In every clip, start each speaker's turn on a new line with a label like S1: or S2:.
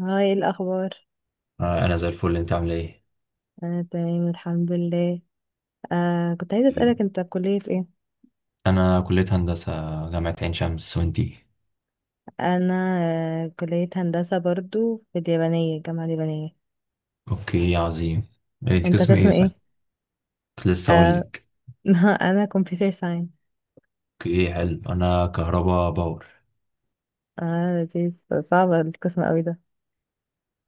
S1: هاي، إيه الأخبار؟
S2: انا زي الفل، انت عامل ايه؟
S1: أنا تمام الحمد لله. آه كنت عايزة أسألك، أنت كلية إيه؟
S2: انا كليه هندسه، جامعه عين شمس، وانتي؟
S1: أنا آه كلية هندسة برضو في اليابانية، الجامعة اليابانية.
S2: اوكي عظيم. انت
S1: أنت
S2: قسم
S1: قسم
S2: ايه؟ صح،
S1: إيه؟
S2: كنت لسه اقول
S1: آه
S2: لك.
S1: أنا كمبيوتر ساينس.
S2: اوكي حلو، انا كهربا باور.
S1: آه لذيذ. صعبة القسم أوي ده.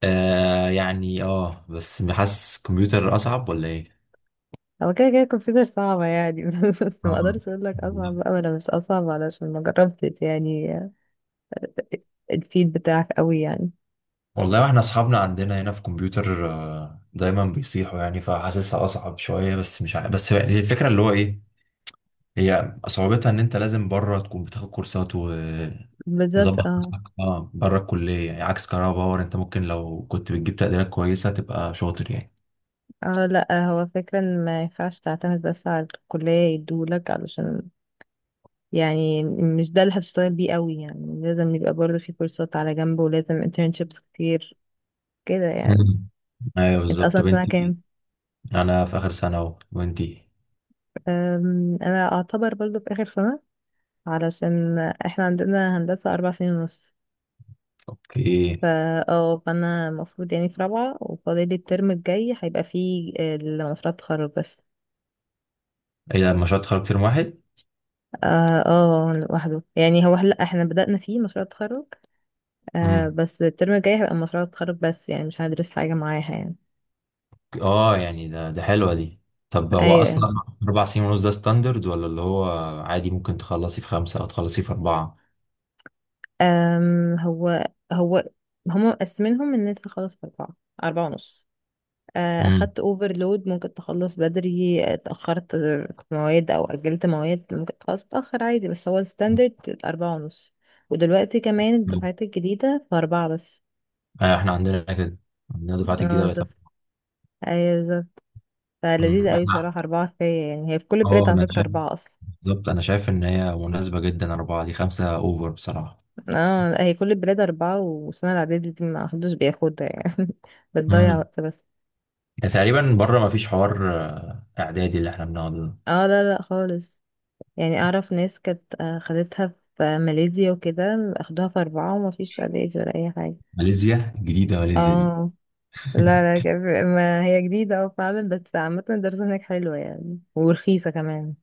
S2: يعني بس حاسس كمبيوتر اصعب ولا ايه؟
S1: هو كده كده كمبيوتر صعبة يعني بس ما
S2: اه
S1: أقدرش أقول لك أصعب
S2: بالظبط.
S1: بقى ولا مش أصعب علشان ما جربتش يعني الفيد بتاعك أوي يعني.
S2: والله، واحنا اصحابنا عندنا هنا في كمبيوتر، دايما بيصيحوا يعني، فحاسسها اصعب شويه. بس مش عارف، بس هي الفكره اللي هو ايه، هي صعوبتها ان انت لازم بره تكون بتاخد كورسات
S1: بالظبط
S2: مظبط
S1: اه.
S2: نفسك، اه، بره الكلية يعني. عكس كهرباء باور، انت ممكن لو كنت بتجيب تقديرات كويسة تبقى شاطر يعني.
S1: اه لا هو فكرة ان ما ينفعش تعتمد بس على الكلية يدولك، علشان يعني مش ده اللي هتشتغل بيه قوي يعني، لازم يبقى برضه في كورسات على جنب ولازم internships كتير كده يعني.
S2: مم. ايوه
S1: انت
S2: بالظبط.
S1: اصلا
S2: طب
S1: سنة
S2: انت،
S1: كام؟
S2: انا في اخر سنة اهو، وانتي؟
S1: انا اعتبر برضه في اخر سنة، علشان احنا عندنا هندسة اربع سنين ونص.
S2: اوكي.
S1: فا اه فانا المفروض يعني في رابعة، وفاضل لي الترم الجاي هيبقى فيه مشروع التخرج بس.
S2: ايه ده، مشروع تخرج ترم واحد؟
S1: اه. اه لوحده يعني هو، لا احنا بدأنا فيه مشروع التخرج، آه
S2: امم،
S1: بس الترم الجاي هيبقى مشروع التخرج بس، يعني مش هندرس حاجة معاها يعني.
S2: اه يعني ده حلوة دي. طب هو
S1: ايوه.
S2: اصلا اربع سنين ونص ده ستاندرد، ولا اللي هو عادي ممكن تخلصي في خمسة او تخلصي في اربعة؟
S1: أم هو هو هما مقسمينهم ان انت تخلص في اربعة، اربعة ونص.
S2: امم،
S1: اخدت اوفرلود ممكن تخلص بدري، اتأخرت في مواد او اجلت مواد ممكن تخلص متأخر عادي، بس هو الستاندرد اربعة ونص. ودلوقتي كمان الدفعات الجديدة في اربعة بس.
S2: ايوه احنا عندنا كده، عندنا دفعات الجديدة
S1: اه
S2: بقت.
S1: دف... ايوه بالظبط. فلذيذة قوي
S2: احنا
S1: بصراحة، اربعة كفاية يعني. هي في كل البلاد
S2: اه
S1: على
S2: انا
S1: فكرة
S2: شايف
S1: اربعة اصلا.
S2: بالظبط، انا شايف ان هي مناسبة جدا اربعة دي، خمسة اوفر بصراحة.
S1: اه هي كل البلاد اربعة، والسنة الاعدادية دي ما حدش بياخدها يعني بتضيع
S2: امم،
S1: وقت بس.
S2: تقريبا بره ما فيش حوار، اعدادي اللي احنا بنقعده ده.
S1: اه لا لا خالص. يعني اعرف ناس كانت خدتها في ماليزيا وكده، اخدوها في اربعة وما فيش علاج ولا اي حاجة.
S2: ماليزيا جديدة، ماليزيا دي.
S1: اه. لا لا ك- ما هي جديدة اه فعلا، بس عامة الدراسة هناك حلوة يعني ورخيصة كمان.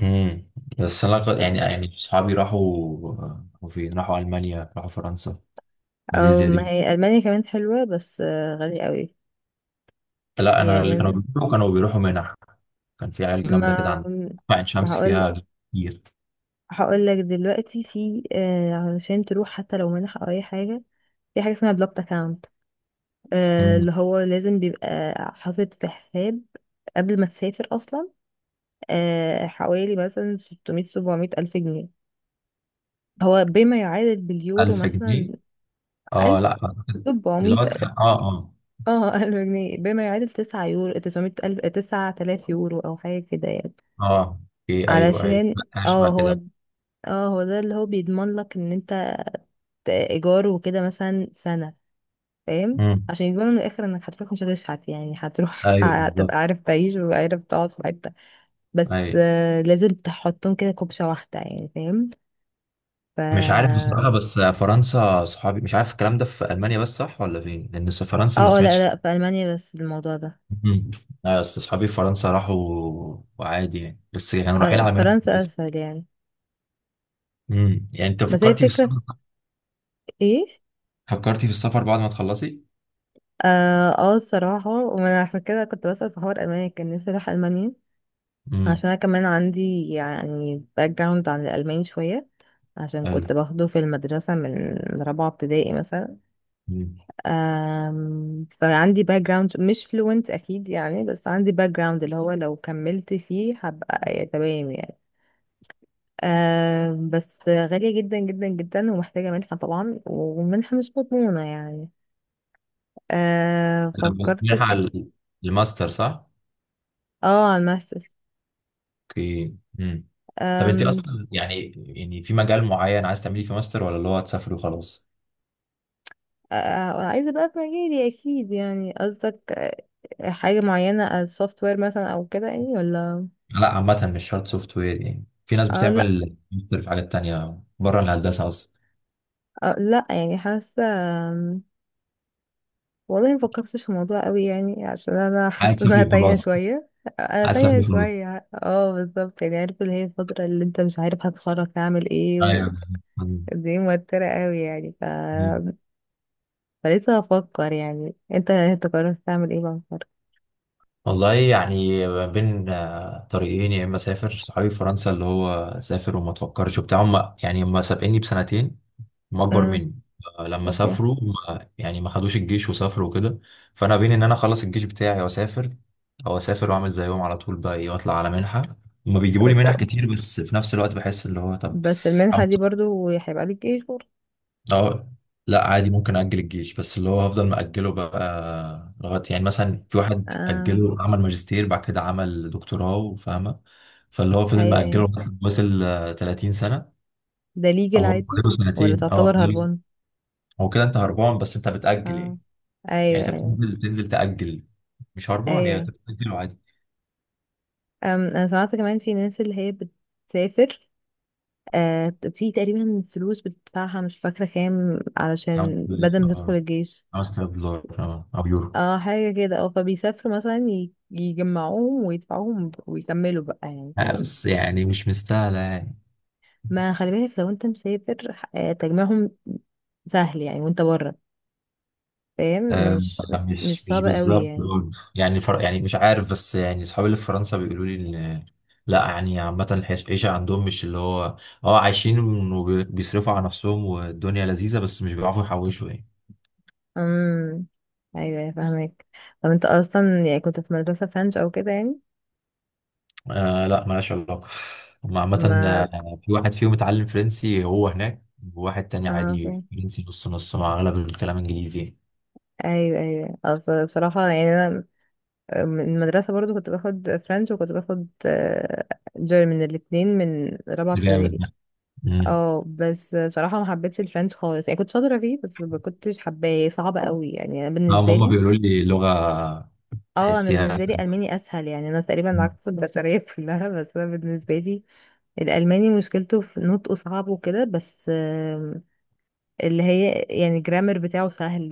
S2: امم، بس يعني صحابي راحوا، راحوا فين؟ راحوا المانيا، راحوا فرنسا.
S1: او
S2: ماليزيا
S1: ما
S2: دي
S1: هي المانيا كمان حلوة، بس غالية قوي
S2: لا، انا اللي كانوا
S1: يعني.
S2: بيروحوا كانوا بيروحوا منح. كان في عيال جامده كده
S1: ما
S2: عندنا، عين
S1: ما
S2: شمس
S1: هقول،
S2: فيها كتير.
S1: هقول لك دلوقتي في آه، علشان تروح حتى لو منح او اي حاجة، في حاجة اسمها بلوكت اكاونت،
S2: امم،
S1: اللي هو لازم بيبقى حاطط في حساب قبل ما تسافر اصلا، حوالي مثلا 600 700 ألف جنيه، هو بما يعادل باليورو
S2: 1000
S1: مثلا.
S2: جنيه اه
S1: 1000.
S2: لا، اللي هو
S1: 700.
S2: اه، اه.
S1: اه 1000 جنيه بما يعادل 9 يورو، 900 ألف، 9000 يورو أو حاجة كده يعني.
S2: اه اوكي، ايوه ايوه،
S1: علشان
S2: اشبه
S1: اه هو
S2: كده.
S1: اه هو ده اللي هو بيضمن لك ان انت ايجار وكده مثلا سنة، فاهم؟
S2: مم.
S1: عشان يضمنوا من الاخر انك هتروح مش هتشحت يعني، هتروح
S2: ايوه بالظبط.
S1: هتبقى عارف تعيش وعارف تقعد في حتة. بس
S2: ايوه
S1: لازم تحطهم كده كوبشة واحدة يعني، فاهم؟ ف
S2: مش عارف بصراحه، بس فرنسا صحابي، مش عارف الكلام ده في المانيا بس صح ولا فين، لان في فرنسا ما
S1: اه لا
S2: سمعتش.
S1: لا في ألمانيا بس الموضوع ده.
S2: مم. ايوه، بس صحابي في فرنسا راحوا وعادي يعني، بس كانوا رايحين على منها
S1: فرنسا
S2: كويسه.
S1: أسهل يعني.
S2: امم، يعني انت
S1: بس هي
S2: فكرتي في
S1: الفكرة
S2: السفر،
S1: في ايه؟
S2: فكرتي في السفر بعد ما تخلصي؟
S1: اه الصراحة وانا عشان كده كنت بسأل في حوار ألمانيا، كان نفسي اروح ألمانيا،
S2: امم،
S1: عشان انا كمان عندي يعني باك جراوند عن الألماني شوية، عشان
S2: حلو.
S1: كنت باخده في المدرسة من رابعة ابتدائي مثلا.
S2: مم.
S1: فعندي باك جراوند، مش فلوينت أكيد يعني، بس عندي باك جراوند اللي هو لو كملت فيه هبقى تمام يعني. آه بس غالية جدا جدا جدا، ومحتاجة منحة طبعا، والمنحة مش مضمونة يعني. آه
S2: أنا بس
S1: فكرت
S2: رايحة
S1: ك...
S2: على الماستر صح؟
S1: اه على الماسترز.
S2: اوكي امم. طب انت
S1: آم،
S2: اصلا يعني، يعني في مجال معين عايز تعملي فيه ماستر، ولا اللي هو هتسافري وخلاص؟
S1: آه عايزة بقى في مجالي أكيد يعني، قصدك حاجة معينة السوفت وير مثلا أو كده يعني ولا.
S2: لا عامة، مش شرط سوفت وير يعني، في ناس
S1: آه لأ.
S2: بتعمل ماستر في حاجات تانية بره الهندسة أصلا.
S1: آه لأ يعني حاسة، آم، والله مفكرتش في الموضوع قوي يعني، عشان أنا حاسة
S2: عايز
S1: إن أنا
S2: تسافر
S1: تايهة
S2: خلاص.
S1: شوية. انا
S2: عايز
S1: تايهه
S2: تسافر خلاص.
S1: شويه اه بالظبط، يعني عارف اللي هي الفتره اللي انت مش عارف هتخرج تعمل ايه،
S2: ايوه بالظبط.
S1: دي موترة قوي يعني فلسه هفكر يعني. انت قررت تعمل ايه بقى الفرق؟
S2: والله يعني ما بين طريقين، يا اما اسافر، صحابي في فرنسا اللي هو سافر وما تفكرش وبتاع، هم يعني هم سابقيني بسنتين، هم اكبر
S1: امم
S2: مني. لما
S1: اوكي.
S2: سافروا ما خدوش الجيش وسافروا وكده. فانا بين ان انا اخلص الجيش بتاعي واسافر، او اسافر واعمل زيهم على طول بقى ايه واطلع على منحه، هما بيجيبوا لي منح كتير. بس في نفس الوقت بحس اللي هو طب،
S1: بس المنحة دي
S2: أو-
S1: برضو هيبقى ليك ايه شهور؟
S2: أو- لا عادي، ممكن اجل الجيش، بس اللي هو هفضل مأجله بقى لغايه، يعني مثلا في واحد
S1: اه
S2: اجله، عمل ماجستير، بعد كده عمل دكتوراه، فاهمه؟ فاللي هو فضل
S1: ايوه
S2: مأجله
S1: ايوه.
S2: لغاية ما وصل 30 سنه،
S1: ده ليجل
S2: او هو
S1: عادي
S2: فاضله
S1: ولا
S2: سنتين، اه
S1: تعتبر
S2: فاضله.
S1: هربان؟
S2: هو كده انت هربان، بس انت بتأجل
S1: اه
S2: يعني،
S1: ايوه
S2: يعني انت
S1: ايوه
S2: بتنزل تأجل، مش هربان يعني،
S1: ايوه.
S2: انت بتأجل عادي.
S1: أم انا سمعت كمان في ناس اللي هي بتسافر، آه في تقريبا فلوس بتدفعها مش فاكرة كام، علشان
S2: 5000،
S1: بدل ما تدخل
S2: اه،
S1: الجيش.
S2: 5000 دولار اه، او يورو.
S1: اه حاجة كده اه، فبيسافروا مثلا يجمعوهم ويدفعوهم ويكملوا بقى يعني، فاهم؟
S2: بس يعني مش مستاهلة يعني.
S1: ما خلي بالك لو انت مسافر تجميعهم سهل يعني وانت بره، فاهم؟
S2: آه،
S1: مش
S2: مش
S1: مش
S2: مش
S1: صعب قوي
S2: بالظبط
S1: يعني.
S2: دول. يعني يعني مش عارف، بس يعني اصحابي اللي في فرنسا بيقولوا لي ان لا يعني، عامة العيشة عندهم مش اللي هو، اه عايشين وبيصرفوا على نفسهم والدنيا لذيذة، بس مش بيعرفوا يحوشوا يعني.
S1: امم ايوه أيوة، فاهمك. طب انت اصلا يعني كنت في مدرسة فرنش او كده يعني؟
S2: آه لا، ملهاش علاقة. هما عامة،
S1: ما
S2: في واحد فيهم اتعلم فرنسي هو هناك، وواحد تاني
S1: اه
S2: عادي
S1: فاهم.
S2: فرنسي نص نص، مع أغلب الكلام إنجليزي يعني.
S1: ايوه ايوه. اصل بصراحة يعني انا من المدرسة برضو كنت باخد فرنش، وكنت باخد جيرمن، الاتنين من رابعة
S2: ده جامد
S1: ابتدائي.
S2: ده. امم،
S1: اه بس بصراحة ما حبيتش الفرنش خالص يعني، كنت شاطرة فيه بس ما كنتش حباه، صعب قوي يعني انا
S2: اه
S1: بالنسبة
S2: هما
S1: لي.
S2: بيقولوا لي لغة
S1: اه انا بالنسبة
S2: تحسيها.
S1: لي الماني اسهل يعني، انا تقريبا
S2: مم.
S1: عكس البشرية كلها، بس انا بالنسبة لي الالماني مشكلته في نطقه صعب وكده، بس آم، اللي هي يعني الجرامر بتاعه سهل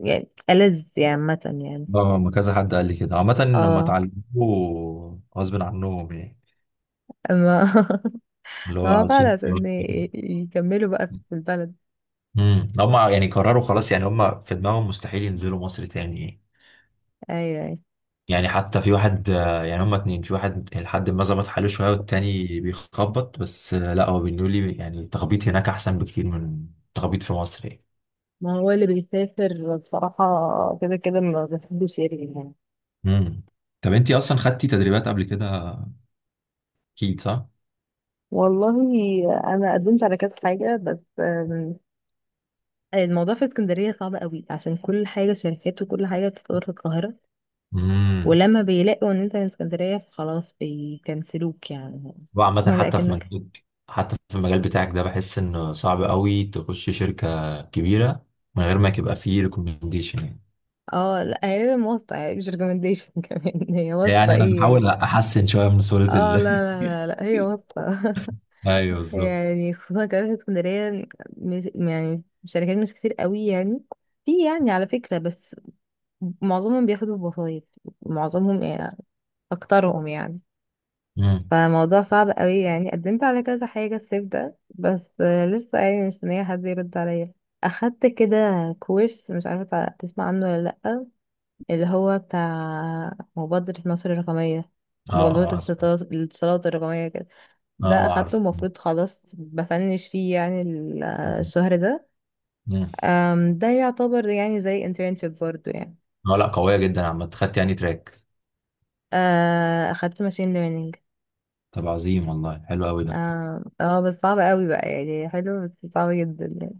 S1: ويعني ألذ يعني عامة يعني.
S2: اه، ما كذا حد قال لي كده عامة، لما
S1: اه
S2: اتعلموه غصب عنهم يعني،
S1: ما
S2: اللي هو
S1: ما هو فعلا
S2: عايشين.
S1: عشان يكملوا بقى في البلد.
S2: امم، هما يعني قرروا خلاص يعني، هما في دماغهم مستحيل ينزلوا مصر تاني يعني.
S1: ايوه ايوه.
S2: يعني حتى في واحد، يعني هما اتنين، في واحد لحد ما ظبط حاله شوية، والتاني بيخبط، بس لا هو بيقول لي يعني التخبيط هناك أحسن بكتير من التخبيط في مصر يعني.
S1: ما هو اللي بيسافر بصراحة كده كده ما بحبش يرجع يعني.
S2: امم، طب انتي أصلا خدتي تدريبات قبل كده، أكيد صح؟
S1: والله انا قدمت على كذا حاجه، بس آم، الموضوع في اسكندريه صعب قوي، عشان كل حاجه شركات وكل حاجه بتتطور في القاهره،
S2: امم،
S1: ولما بيلاقوا ان انت من اسكندريه فخلاص بيكنسلوك يعني
S2: وعامة حتى في
S1: ولكنك.
S2: مجال حتى في المجال بتاعك ده بحس إنه صعب قوي تخش شركة كبيرة من غير ما يبقى فيه ريكومنديشن يعني.
S1: اه لا هي واسطه يعني مش ريكومنديشن كمان، هي واسطه
S2: يعني أنا
S1: ايه
S2: بحاول
S1: يعني.
S2: أحسن شوية من صورة
S1: اه
S2: ال.
S1: لا لا لا لا هي واسطه
S2: أيوه بالظبط.
S1: يعني. خصوصا كمان في اسكندريه مش يعني الشركات مش كتير قوي يعني، في يعني على فكره، بس معظمهم بياخدوا بوسايط، معظمهم يعني، اكترهم يعني.
S2: امم،
S1: فالموضوع صعب قوي يعني، قدمت على كذا حاجة الصيف ده، بس لسه يعني مستنية حد يرد عليا. اخدت كده كورس، مش عارفة تسمع عنه ولا لأ، اللي هو بتاع مبادرة مصر الرقمية، مبادرة
S2: اه، اه،
S1: الاتصالات، الرقمية كده.
S2: اه،
S1: ده اخدته
S2: عارف.
S1: المفروض خلاص بفنش فيه يعني، الشهر ده.
S2: مم.
S1: آم، ده يعتبر يعني زي internship برضو يعني.
S2: اه لا، قوية جدا عامة، خدت يعني تراك.
S1: اخدت ماشين learning.
S2: طب عظيم، والله حلو قوي ده.
S1: اه اه بس صعب قوي بقى يعني، حلو بس صعب جدا يعني.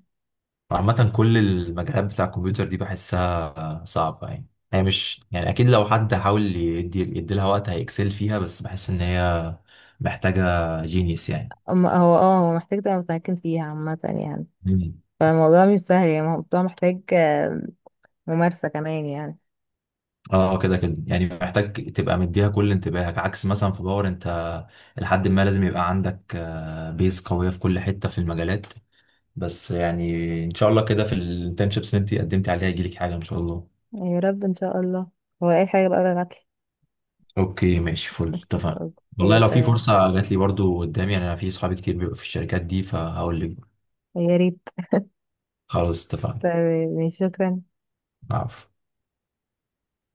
S2: عامة كل المجالات بتاع الكمبيوتر دي بحسها صعبة يعني، هي مش يعني أكيد لو حد حاول يدي لها وقت هيكسل فيها، بس بحس إن هي محتاجة جينيس يعني.
S1: اما هو اه هو محتاج تبقى متمكن فيها عامة يعني،
S2: مم.
S1: فالموضوع مش سهل يعني، الموضوع محتاج ممارسة كمان يعني.
S2: اه كده كده يعني، محتاج تبقى مديها كل انتباهك، عكس مثلا في باور، انت لحد ما لازم يبقى عندك، بيز قوية في كل حتة في المجالات. بس يعني، ان شاء الله كده في الانترنشيبس اللي انت قدمتي عليها يجيلك حاجة ان شاء الله.
S1: يا رب ان شاء الله، هو اي حاجة بقى بالعدل.
S2: اوكي ماشي فل، اتفقنا. والله
S1: اوكي
S2: لو في
S1: تمام.
S2: فرصة جات لي برضو قدامي يعني، انا في صحابي كتير بيبقوا في الشركات دي فهقول لك.
S1: يا ريت.
S2: خلاص اتفقنا.
S1: تمام ماشي، شكرا.
S2: عفو.